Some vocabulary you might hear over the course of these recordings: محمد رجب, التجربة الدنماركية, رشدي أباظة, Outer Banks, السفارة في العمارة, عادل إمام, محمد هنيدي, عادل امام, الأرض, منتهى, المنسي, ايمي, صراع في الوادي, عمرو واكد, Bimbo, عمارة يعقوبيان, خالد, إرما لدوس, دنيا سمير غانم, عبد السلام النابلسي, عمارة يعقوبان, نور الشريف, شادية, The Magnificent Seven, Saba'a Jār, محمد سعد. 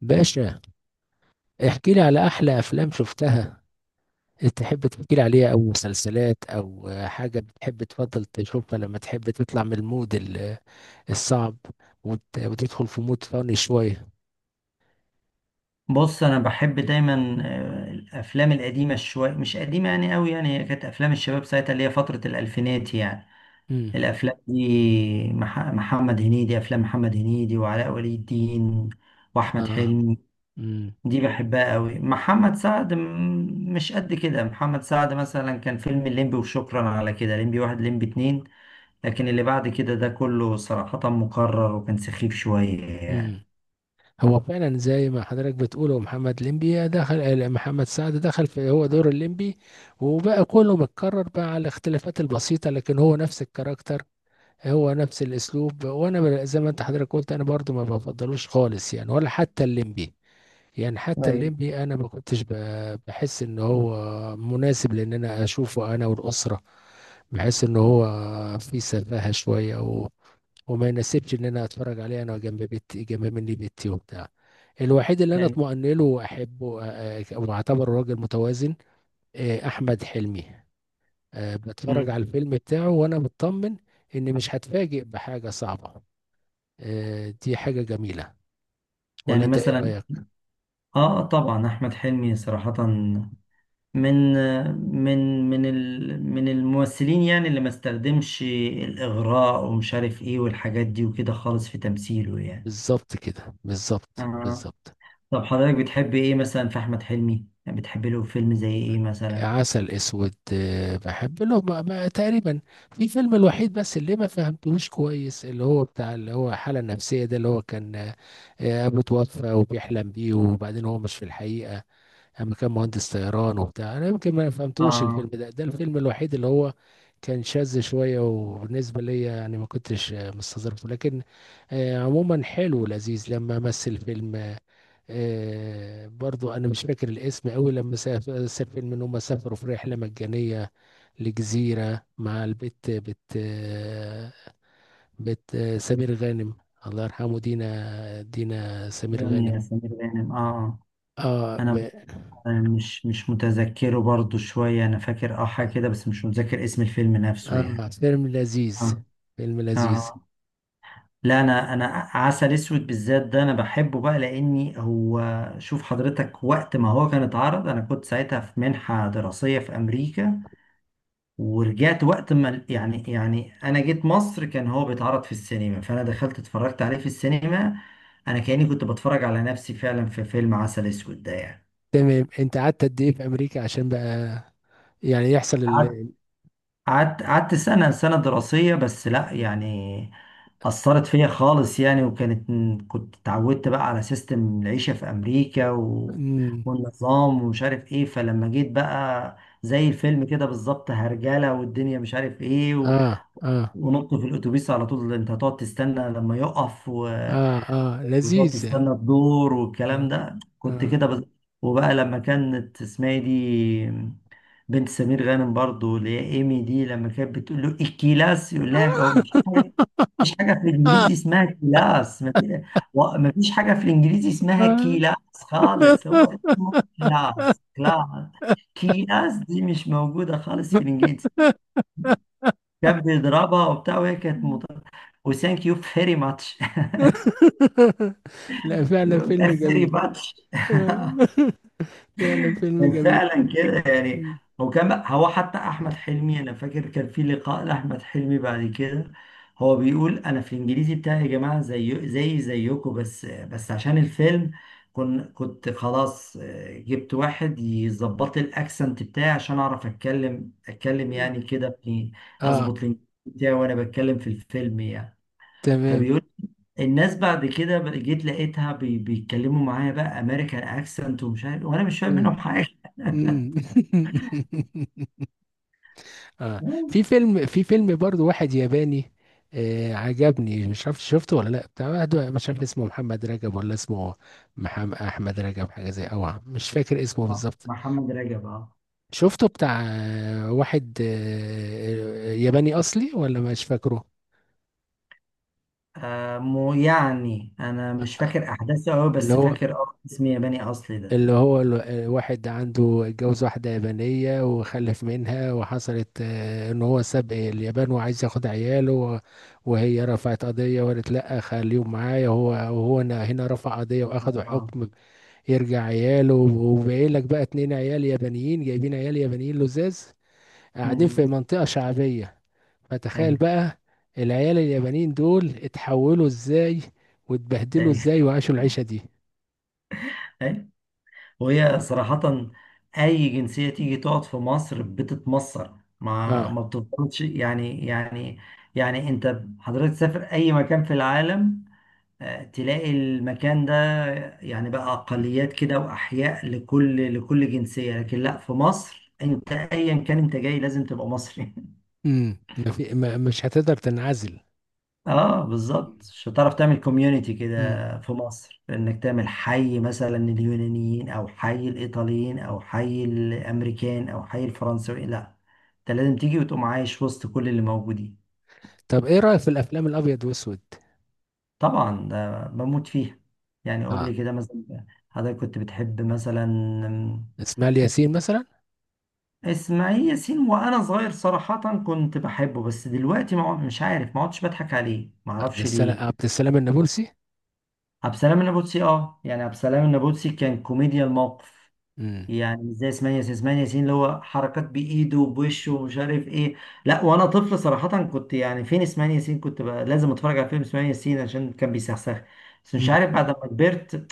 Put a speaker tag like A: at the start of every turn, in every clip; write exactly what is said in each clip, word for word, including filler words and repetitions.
A: باشا، احكي لي على احلى افلام شفتها. تحب تحكي لي عليها او مسلسلات او حاجه بتحب تفضل تشوفها لما تحب تطلع من المود ال- الصعب وت- وتدخل في مود فاني شويه؟
B: بص، انا بحب دايما آه، الافلام القديمه شويه، مش قديمه يعني قوي، يعني هي كانت افلام الشباب ساعتها اللي هي فتره الالفينات يعني.
A: امم.
B: الافلام دي مح- محمد هنيدي، افلام محمد هنيدي وعلاء ولي الدين واحمد
A: اه.
B: حلمي،
A: امم.
B: دي بحبها قوي. محمد سعد م- مش قد كده. محمد سعد مثلا كان فيلم الليمبي وشكرا على كده، الليمبي واحد الليمبي اتنين، لكن اللي بعد كده ده كله صراحه مكرر وكان سخيف شويه
A: امم.
B: يعني.
A: هو فعلا زي ما حضرتك بتقول، هو محمد ليمبي دخل، آه، محمد سعد دخل في هو دور الليمبي، وبقى كله متكرر بقى على الاختلافات البسيطه، لكن هو نفس الكاركتر، هو نفس الاسلوب. وانا ب- زي ما انت حضرتك قلت، انا برضو ما بفضلوش خالص يعني، ولا حتى الليمبي. يعني حتى
B: طيب
A: الليمبي انا ما كنتش ب- بحس ان هو مناسب لان انا اشوفه انا والاسره. بحس ان هو في سفاهه شويه و... وما يناسبش ان انا اتفرج عليه انا جنب بيتي، جنب مني بيتي وبتاع. الوحيد اللي انا
B: يعني.
A: اطمئن له واحبه آه، آه، واعتبره راجل متوازن آه، احمد حلمي. آه، بتفرج
B: مم.
A: على الفيلم بتاعه وانا مطمن ان مش هتفاجئ بحاجة صعبة. آه، دي حاجة جميلة. ولا
B: يعني
A: انت ايه
B: مثلا
A: رأيك؟
B: اه، طبعا احمد حلمي صراحة من من من ال- من الممثلين يعني اللي ما استخدمش الاغراء ومش عارف ايه والحاجات دي وكده خالص في تمثيله يعني.
A: بالظبط كده، بالظبط
B: آه.
A: بالظبط.
B: طب حضرتك بتحب ايه مثلا في احمد حلمي؟ يعني بتحب له فيلم زي ايه مثلا؟
A: عسل اسود، آه، بحب له ما ما- تقريبا في فيلم. الوحيد بس اللي ما فهمتهوش كويس اللي هو بتاع اللي هو الحالة النفسية ده، اللي هو كان آه، ابوه توفى وبيحلم بيه، وبعدين هو مش في الحقيقة اما كان مهندس طيران وبتاع. انا يمكن ما فهمتوش الفيلم
B: اه،
A: ده، ده الفيلم الوحيد اللي هو كان شاذ شويه، وبالنسبه ليا يعني ما كنتش آه، مستظرفه. لكن آه، عموما حلو ولذيذ، لما مثل فيلم آه، آه، برضو انا مش فاكر الاسم قوي، لما ساف- مثل فيلم ان هم سافروا في رحله مجانيه لجزيره مع البت بت آه، بت آه، سمير غانم، الله يرحمه، دينا دينا سمير
B: دنيا
A: غانم.
B: سمير غانم، اه.
A: اه.
B: آه. انا مش مش متذكره برضو شوية، انا فاكر اه حاجة كده بس مش متذكر اسم الفيلم نفسه يعني.
A: اه، فيلم لذيذ.
B: اه،
A: فيلم لذيذ.
B: اه، لا، انا انا عسل اسود بالذات ده انا بحبه بقى لاني هو. شوف حضرتك، وقت ما هو كان اتعرض انا كنت ساعتها في منحة دراسية في امريكا، ورجعت وقت ما ال- يعني يعني انا جيت مصر كان هو بيتعرض في السينما، فانا دخلت اتفرجت عليه في السينما، انا كأني كنت بتفرج على نفسي فعلا في فيلم عسل اسود ده يعني.
A: تمام، انت قعدت قد ايه في امريكا عشان بقى يعني يحصل
B: قعدت
A: ال...
B: قعدت قعدت سنة سنة دراسية بس، لا يعني أثرت فيا خالص يعني. وكانت كنت اتعودت بقى على سيستم العيشة في أمريكا و...
A: مم.
B: والنظام ومش عارف إيه، فلما جيت بقى زي الفيلم كده بالظبط، هرجلة والدنيا مش عارف إيه، و...
A: اه اه
B: ونط في الأتوبيس على طول، أنت هتقعد تستنى لما يقف، و...
A: اه اه،
B: وتقعد
A: لذيذ يعني.
B: تستنى الدور والكلام
A: اه
B: ده، كنت
A: اه.
B: كده بس. وبقى لما كانت اسمها إيه دي، بنت سمير غانم برضو اللي هي ايمي دي، لما كانت بتقول له الكلاس يقول لها هو مش حاجه، مش حاجه في الانجليزي اسمها كلاس. ما في- و- ما فيش حاجه في الانجليزي اسمها كلاس خالص، هو اسمه كلاس. كلاس، كلاس دي مش موجوده خالص في الانجليزي. كان بيضربها وبتاع وهي كانت مط... وثانك يو فيري ماتش
A: لا، فعلا
B: يقول
A: فيلم
B: لها فيري
A: جميل.
B: ماتش
A: آه. فعلا فيلم
B: كان
A: جميل.
B: فعلا كده يعني.
A: مم.
B: هو كان هو حتى احمد حلمي، انا فاكر كان في لقاء لاحمد حلمي بعد كده، هو بيقول انا في الانجليزي بتاعي يا جماعه زي زي زيكم، بس بس عشان الفيلم كن كنت خلاص آه، جبت واحد يظبط لي الاكسنت بتاعي عشان اعرف اتكلم اتكلم يعني كده في-
A: اه
B: اظبط الانجليزي بتاعي وانا بتكلم في الفيلم يعني.
A: تمام.
B: فبيقول الناس بعد كده بقى- جيت لقيتها بي- بيتكلموا معايا بقى امريكان اكسنت ومش عارف، وانا مش فاهم منهم
A: مم.
B: حاجه.
A: مم. اه. في فيلم في فيلم برضو واحد ياباني آه، عجبني، مش عارف شفته ولا لا، بتاع واحد مش عارف اسمه محمد رجب، ولا اسمه محمد احمد رجب حاجه زي، او عم- مش فاكر اسمه
B: آه،
A: بالظبط.
B: محمد رجب، اه.
A: شفته بتاع آه، واحد آه، آه، ياباني اصلي، ولا مش فاكره.
B: آه، مو يعني انا مش فاكر احداثه قوي
A: اللي
B: بس
A: هو
B: فاكر اه اسم ياباني اصلي ده.
A: اللي هو ال- الواحد عنده، اتجوز واحدة يابانية وخلف منها، وحصلت آه، ان هو ساب اليابان وعايز ياخد عياله، و- وهي رفعت قضية وقالت لا خليهم معايا. هو وهو هنا، هنا رفع قضية واخدوا
B: اه.
A: حكم يرجع عياله. وباين لك بقى اتنين عيال يابانيين، جايبين عيال يابانيين لزاز، قاعدين في
B: مم.
A: منطقة شعبية. فتخيل
B: ايوه،
A: بقى العيال اليابانيين دول اتحولوا ازاي، واتبهدلوا
B: ايوه،
A: ازاي، وعاشوا العيشة دي.
B: أيوة. وهي صراحة أي جنسية تيجي تقعد في مصر بتتمصر، ما
A: اه.
B: ما بتفضلش يعني يعني يعني. أنت حضرتك تسافر أي مكان في العالم آه، تلاقي المكان ده، يعني بقى أقليات كده وأحياء لكل لكل جنسية، لكن لا، في مصر أنت أيا كان أنت جاي لازم تبقى مصري
A: امم، ما في ما مش هتقدر تنعزل.
B: اه بالظبط، مش هتعرف
A: مم.
B: تعمل كوميونيتي كده
A: امم.
B: في مصر، انك تعمل حي مثلا لليونانيين او حي الايطاليين او حي الامريكان او حي الفرنسيين، لا، انت لازم تيجي وتقوم عايش وسط كل اللي موجودين.
A: طب ايه رأيك في الافلام الابيض واسود؟
B: طبعا ده بموت فيها. يعني قول
A: اه،
B: لي كده مثلا، حضرتك كنت بتحب مثلا
A: اسماعيل ياسين مثلا.
B: اسماعيل ياسين، وانا صغير صراحة كنت بحبه، بس دلوقتي ما عد- مش عارف، ما عدتش بضحك عليه، ما
A: عبد
B: اعرفش
A: السلام،
B: ليه.
A: عبد السلام النابلسي.
B: عبد السلام النابلسي اه، يعني عبد السلام النابلسي كان كوميديا الموقف،
A: امم.
B: يعني مش زي اسماعيل ياسين. اسماعيل ياسين اللي هو حركات بايده وبوشه ومش عارف ايه. لا، وانا طفل صراحة كنت يعني فين اسماعيل ياسين، كنت بقى لازم اتفرج على فيلم اسماعيل ياسين عشان كان بيسخسخ. بس
A: امم.
B: مش عارف بعد ما كبرت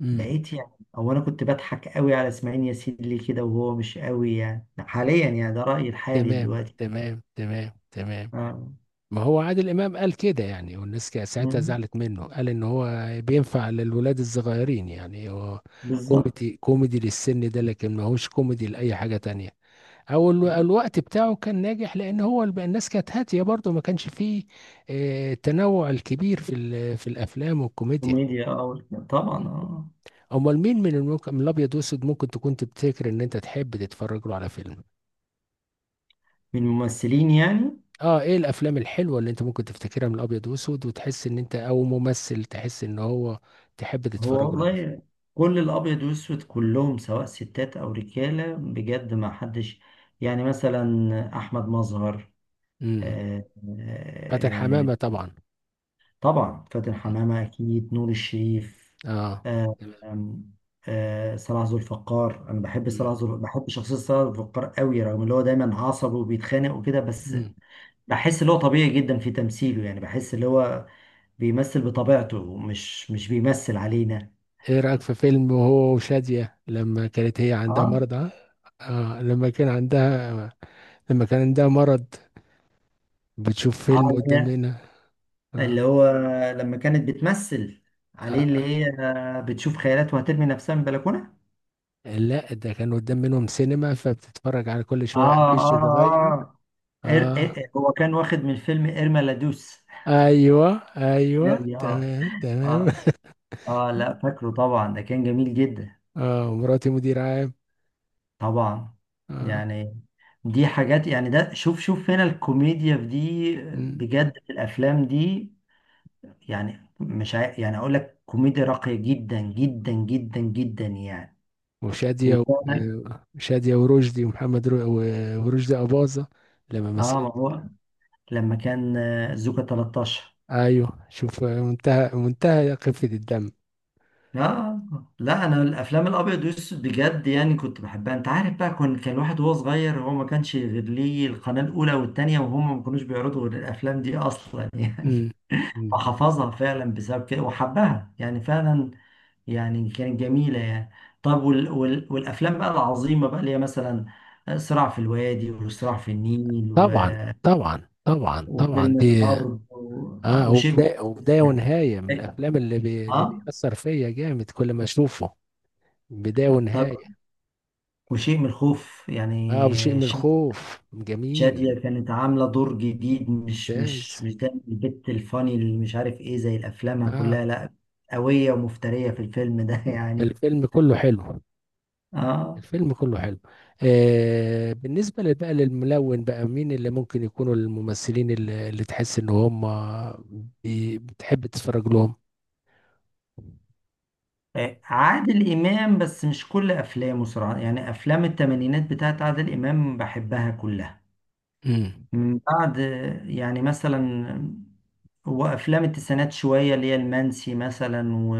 A: امم.
B: بقيت يعني، او انا كنت بضحك قوي على اسماعيل ياسين ليه كده وهو مش قوي يعني حاليا، يعني ده رأيي الحالي
A: تمام،
B: دلوقتي.
A: تمام تمام تمام.
B: آه.
A: ما هو عادل امام قال كده يعني، والناس كا- ساعتها
B: مم.
A: زعلت منه، قال ان هو بينفع للولاد الصغيرين يعني. هو
B: بالظبط.
A: كوميدي، كوميدي للسن ده، لكن ما هوش كوميدي لاي حاجة تانية، او ال- الوقت بتاعه كان ناجح لان هو الب- الناس كانت هاتيه برضه، ما كانش فيه آه، التنوع الكبير في ال- في الافلام والكوميديا.
B: كوميديا أو، طبعا.
A: مم.
B: آه.
A: امال مين من الممكن من الابيض واسود ممكن تكون تفتكر ان انت تحب تتفرج له على فيلم؟
B: من الممثلين يعني؟
A: اه، ايه الافلام الحلوه اللي انت ممكن تفتكرها من الابيض واسود، وتحس ان انت، او ممثل تحس ان هو تحب
B: هو
A: تتفرج له على
B: والله
A: فيلم.
B: كل الأبيض والأسود كلهم سواء ستات أو رجالة بجد ما حدش. يعني مثلا أحمد مظهر،
A: امم.
B: آه،
A: فاتن
B: آه، آه،
A: حمامه طبعا.
B: طبعا فاتن
A: مم.
B: حمامة، أكيد نور الشريف.
A: اه.
B: آه،
A: تمام.
B: آم، آه، صلاح ذو الفقار. أنا بحب صلاح
A: مم.
B: ذو بحب شخصية صلاح ذو الفقار قوي، رغم اللي هو دايما عصبي وبيتخانق وكده، بس
A: مم.
B: بحس اللي هو طبيعي جدا في تمثيله، يعني بحس اللي هو بيمثل بطبيعته مش مش بيمثل علينا.
A: ايه رأيك في فيلم وهو وشادية لما كانت هي عندها
B: اه،
A: مرض؟ اه، آه، لما كان عندها، لما كان عندها مرض بتشوف
B: اه،
A: فيلم
B: اللي
A: قدام
B: هي-
A: منها. آه.
B: اللي هو لما كانت بتمثل عليه، اللي
A: آه.
B: هي بتشوف خيالات وهترمي نفسها من البلكونة.
A: لا، ده كان قدام منهم سينما، فبتتفرج على كل شوية
B: اه،
A: افيش يتغير.
B: اه، اه، إر...
A: اه
B: إر... هو كان واخد من فيلم إرما لدوس.
A: ايوه
B: اه،
A: ايوه
B: اه،
A: تمام تمام.
B: اه، اه، لا فاكره طبعا، ده كان جميل جدا.
A: اه، مراتي مدير عام.
B: طبعا
A: اه.
B: يعني، دي حاجات يعني، ده شوف شوف هنا الكوميديا في دي
A: مم.
B: بجد، في الافلام دي يعني. مش عاي... يعني اقول لك كوميديا راقية جدا جدا جدا جدا يعني.
A: وشادية و-
B: وفعلا
A: وشادية ورشدي ومحمد رو... و- ورشدي أباظة لما
B: اه،
A: مثلت.
B: ما هو لما كان آه، زوكا تلتاشر.
A: ايوه، شوف منتهى، منتهى خفة الدم.
B: اه، لا انا الافلام الابيض والاسود بجد يعني كنت بحبها، انت عارف بقى، كان كان الواحد وهو صغير هو ما كانش غير ليه القناه الاولى والثانيه، وهم ما كانوش بيعرضوا غير الافلام دي اصلا يعني.
A: امم. أمم.
B: فحفظها فعلا بسبب كده وحبها يعني فعلا، يعني كانت جميلة يعني. طب وال... وال... والأفلام بقى العظيمة بقى اللي هي مثلا صراع في الوادي وصراع في النيل و...
A: طبعا طبعا طبعا طبعا
B: وفيلم
A: دي.
B: الأرض و... آه،
A: اه،
B: وشيء.
A: وبدايه وبدايه ونهايه، من الافلام اللي بي... اللي
B: اه،
A: بيأثر فيا جامد كل ما اشوفه، بدايه
B: طب
A: ونهايه.
B: وشيء من الخوف
A: اه، وشيء
B: يعني.
A: من
B: شاد-
A: الخوف
B: شادية
A: جميل.
B: كانت عاملة دور جديد، مش مش
A: ممتاز.
B: مش ده البت الفاني اللي مش عارف ايه زي أفلامها
A: اه،
B: كلها، لا، قوية ومفترية في الفيلم ده يعني.
A: الفيلم كله حلو.
B: اه،
A: الفيلم كله حلو. آه، بالنسبه لل- بقى للملون، بقى مين اللي ممكن يكونوا الممثلين اللي, اللي تحس ان هم بي... بتحب تتفرج لهم؟
B: آه، عادل إمام بس مش كل أفلامه صراحة، يعني أفلام التمانينات بتاعت عادل إمام بحبها كلها،
A: امم.
B: من بعد آه، يعني مثلا وأفلام التسعينات شوية اللي هي المنسي مثلا و...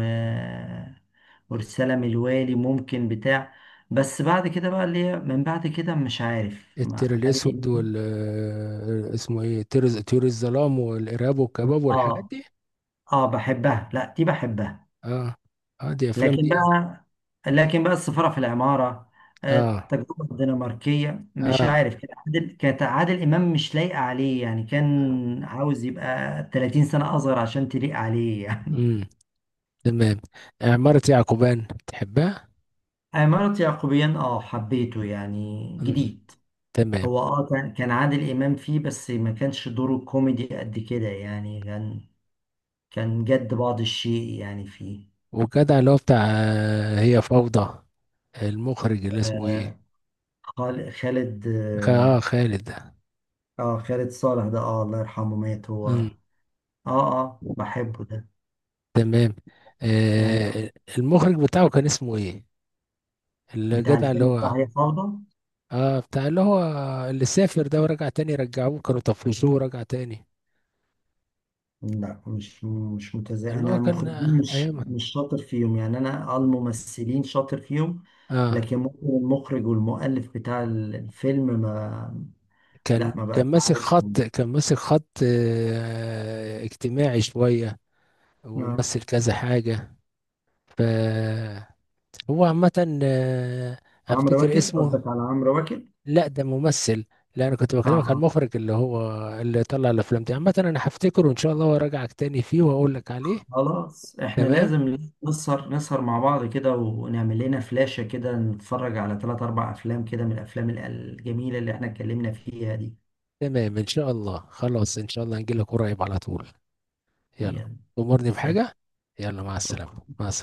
B: ورسالة من الوالي ممكن بتاع. بس بعد كده بقى اللي هي من بعد كده مش عارف ما-
A: التير
B: عادل
A: الاسود،
B: إمام.
A: وال آه، اسمه ايه، تير طيور الظلام، والارهاب والكباب والحاجات
B: آه،
A: دي.
B: آه، بحبها، لا دي بحبها.
A: اه اه، دي افلام
B: لكن
A: دي.
B: بقى لكن بقى السفارة في العمارة، آه،
A: اه
B: التجربة الدنماركية مش
A: اه.
B: عارف، كان عادل كانت عادل إمام مش لايقة عليه يعني، كان عاوز يبقى ثلاثين سنة أصغر عشان تليق عليه يعني.
A: امم تمام. آه، عمارة يعقوبان تحبها؟
B: عمارة يعقوبيان اه، حبيته يعني
A: امم
B: جديد.
A: تمام.
B: هو اه كان كان عادل إمام فيه بس ما كانش دوره كوميدي قد كده يعني، كان كان جد بعض الشيء يعني فيه.
A: وجدع اللي هو بتاع آه، هي فوضى، المخرج اللي اسمه ايه؟
B: آه، خال- خالد
A: خ... اه
B: اه،
A: خالد ده.
B: آه، خالد صالح ده، اه، الله يرحمه مات هو.
A: امم
B: اه، اه، بحبه ده
A: تمام.
B: يعني،
A: آه. المخرج بتاعه كان اسمه ايه؟
B: بتاع
A: الجدع اللي
B: الفيلم
A: هو.
B: بتاع هي فوضى.
A: اه، بتاع اللي هو اللي سافر ده، ورجع تاني، رجعوه كانوا طفشوه ورجع تاني.
B: لا مش مش متزا،
A: اللي
B: انا
A: هو كان
B: المخرجين
A: آه،
B: مش
A: ايام.
B: مش شاطر فيهم، يعني انا آه الممثلين شاطر فيهم
A: اه،
B: لكن ممكن المخرج والمؤلف بتاع الفيلم ما.
A: كان
B: لا، ما
A: كان
B: بقاش
A: ماسك
B: عارفهم.
A: خط، كان ماسك خط آه اجتماعي شوية،
B: آه.
A: ومثل كذا حاجة. فهو عامة آه،
B: عمرو
A: افتكر
B: واكد؟ قصدك
A: اسمه.
B: على عمرو واكد،
A: لا ده ممثل. لا، انا كنت
B: اه.
A: بكلمك عن
B: آه.
A: المخرج اللي هو اللي طلع الافلام دي. عامة انا هفتكره ان شاء الله، وراجعك تاني فيه واقول لك عليه.
B: خلاص، احنا
A: تمام.
B: لازم نسهر نسهر مع بعض كده، ونعمل لنا فلاشة كده نتفرج على ثلاث اربع افلام كده من الافلام ال- الجميلة اللي احنا اتكلمنا فيها دي.
A: تمام ان شاء الله، خلاص ان شاء الله هنجيلك قريب على طول. يلا.
B: يلا.
A: أمرني
B: سلام.
A: بحاجة. يلا، مع السلامة.
B: شكرا.
A: مع السلامة.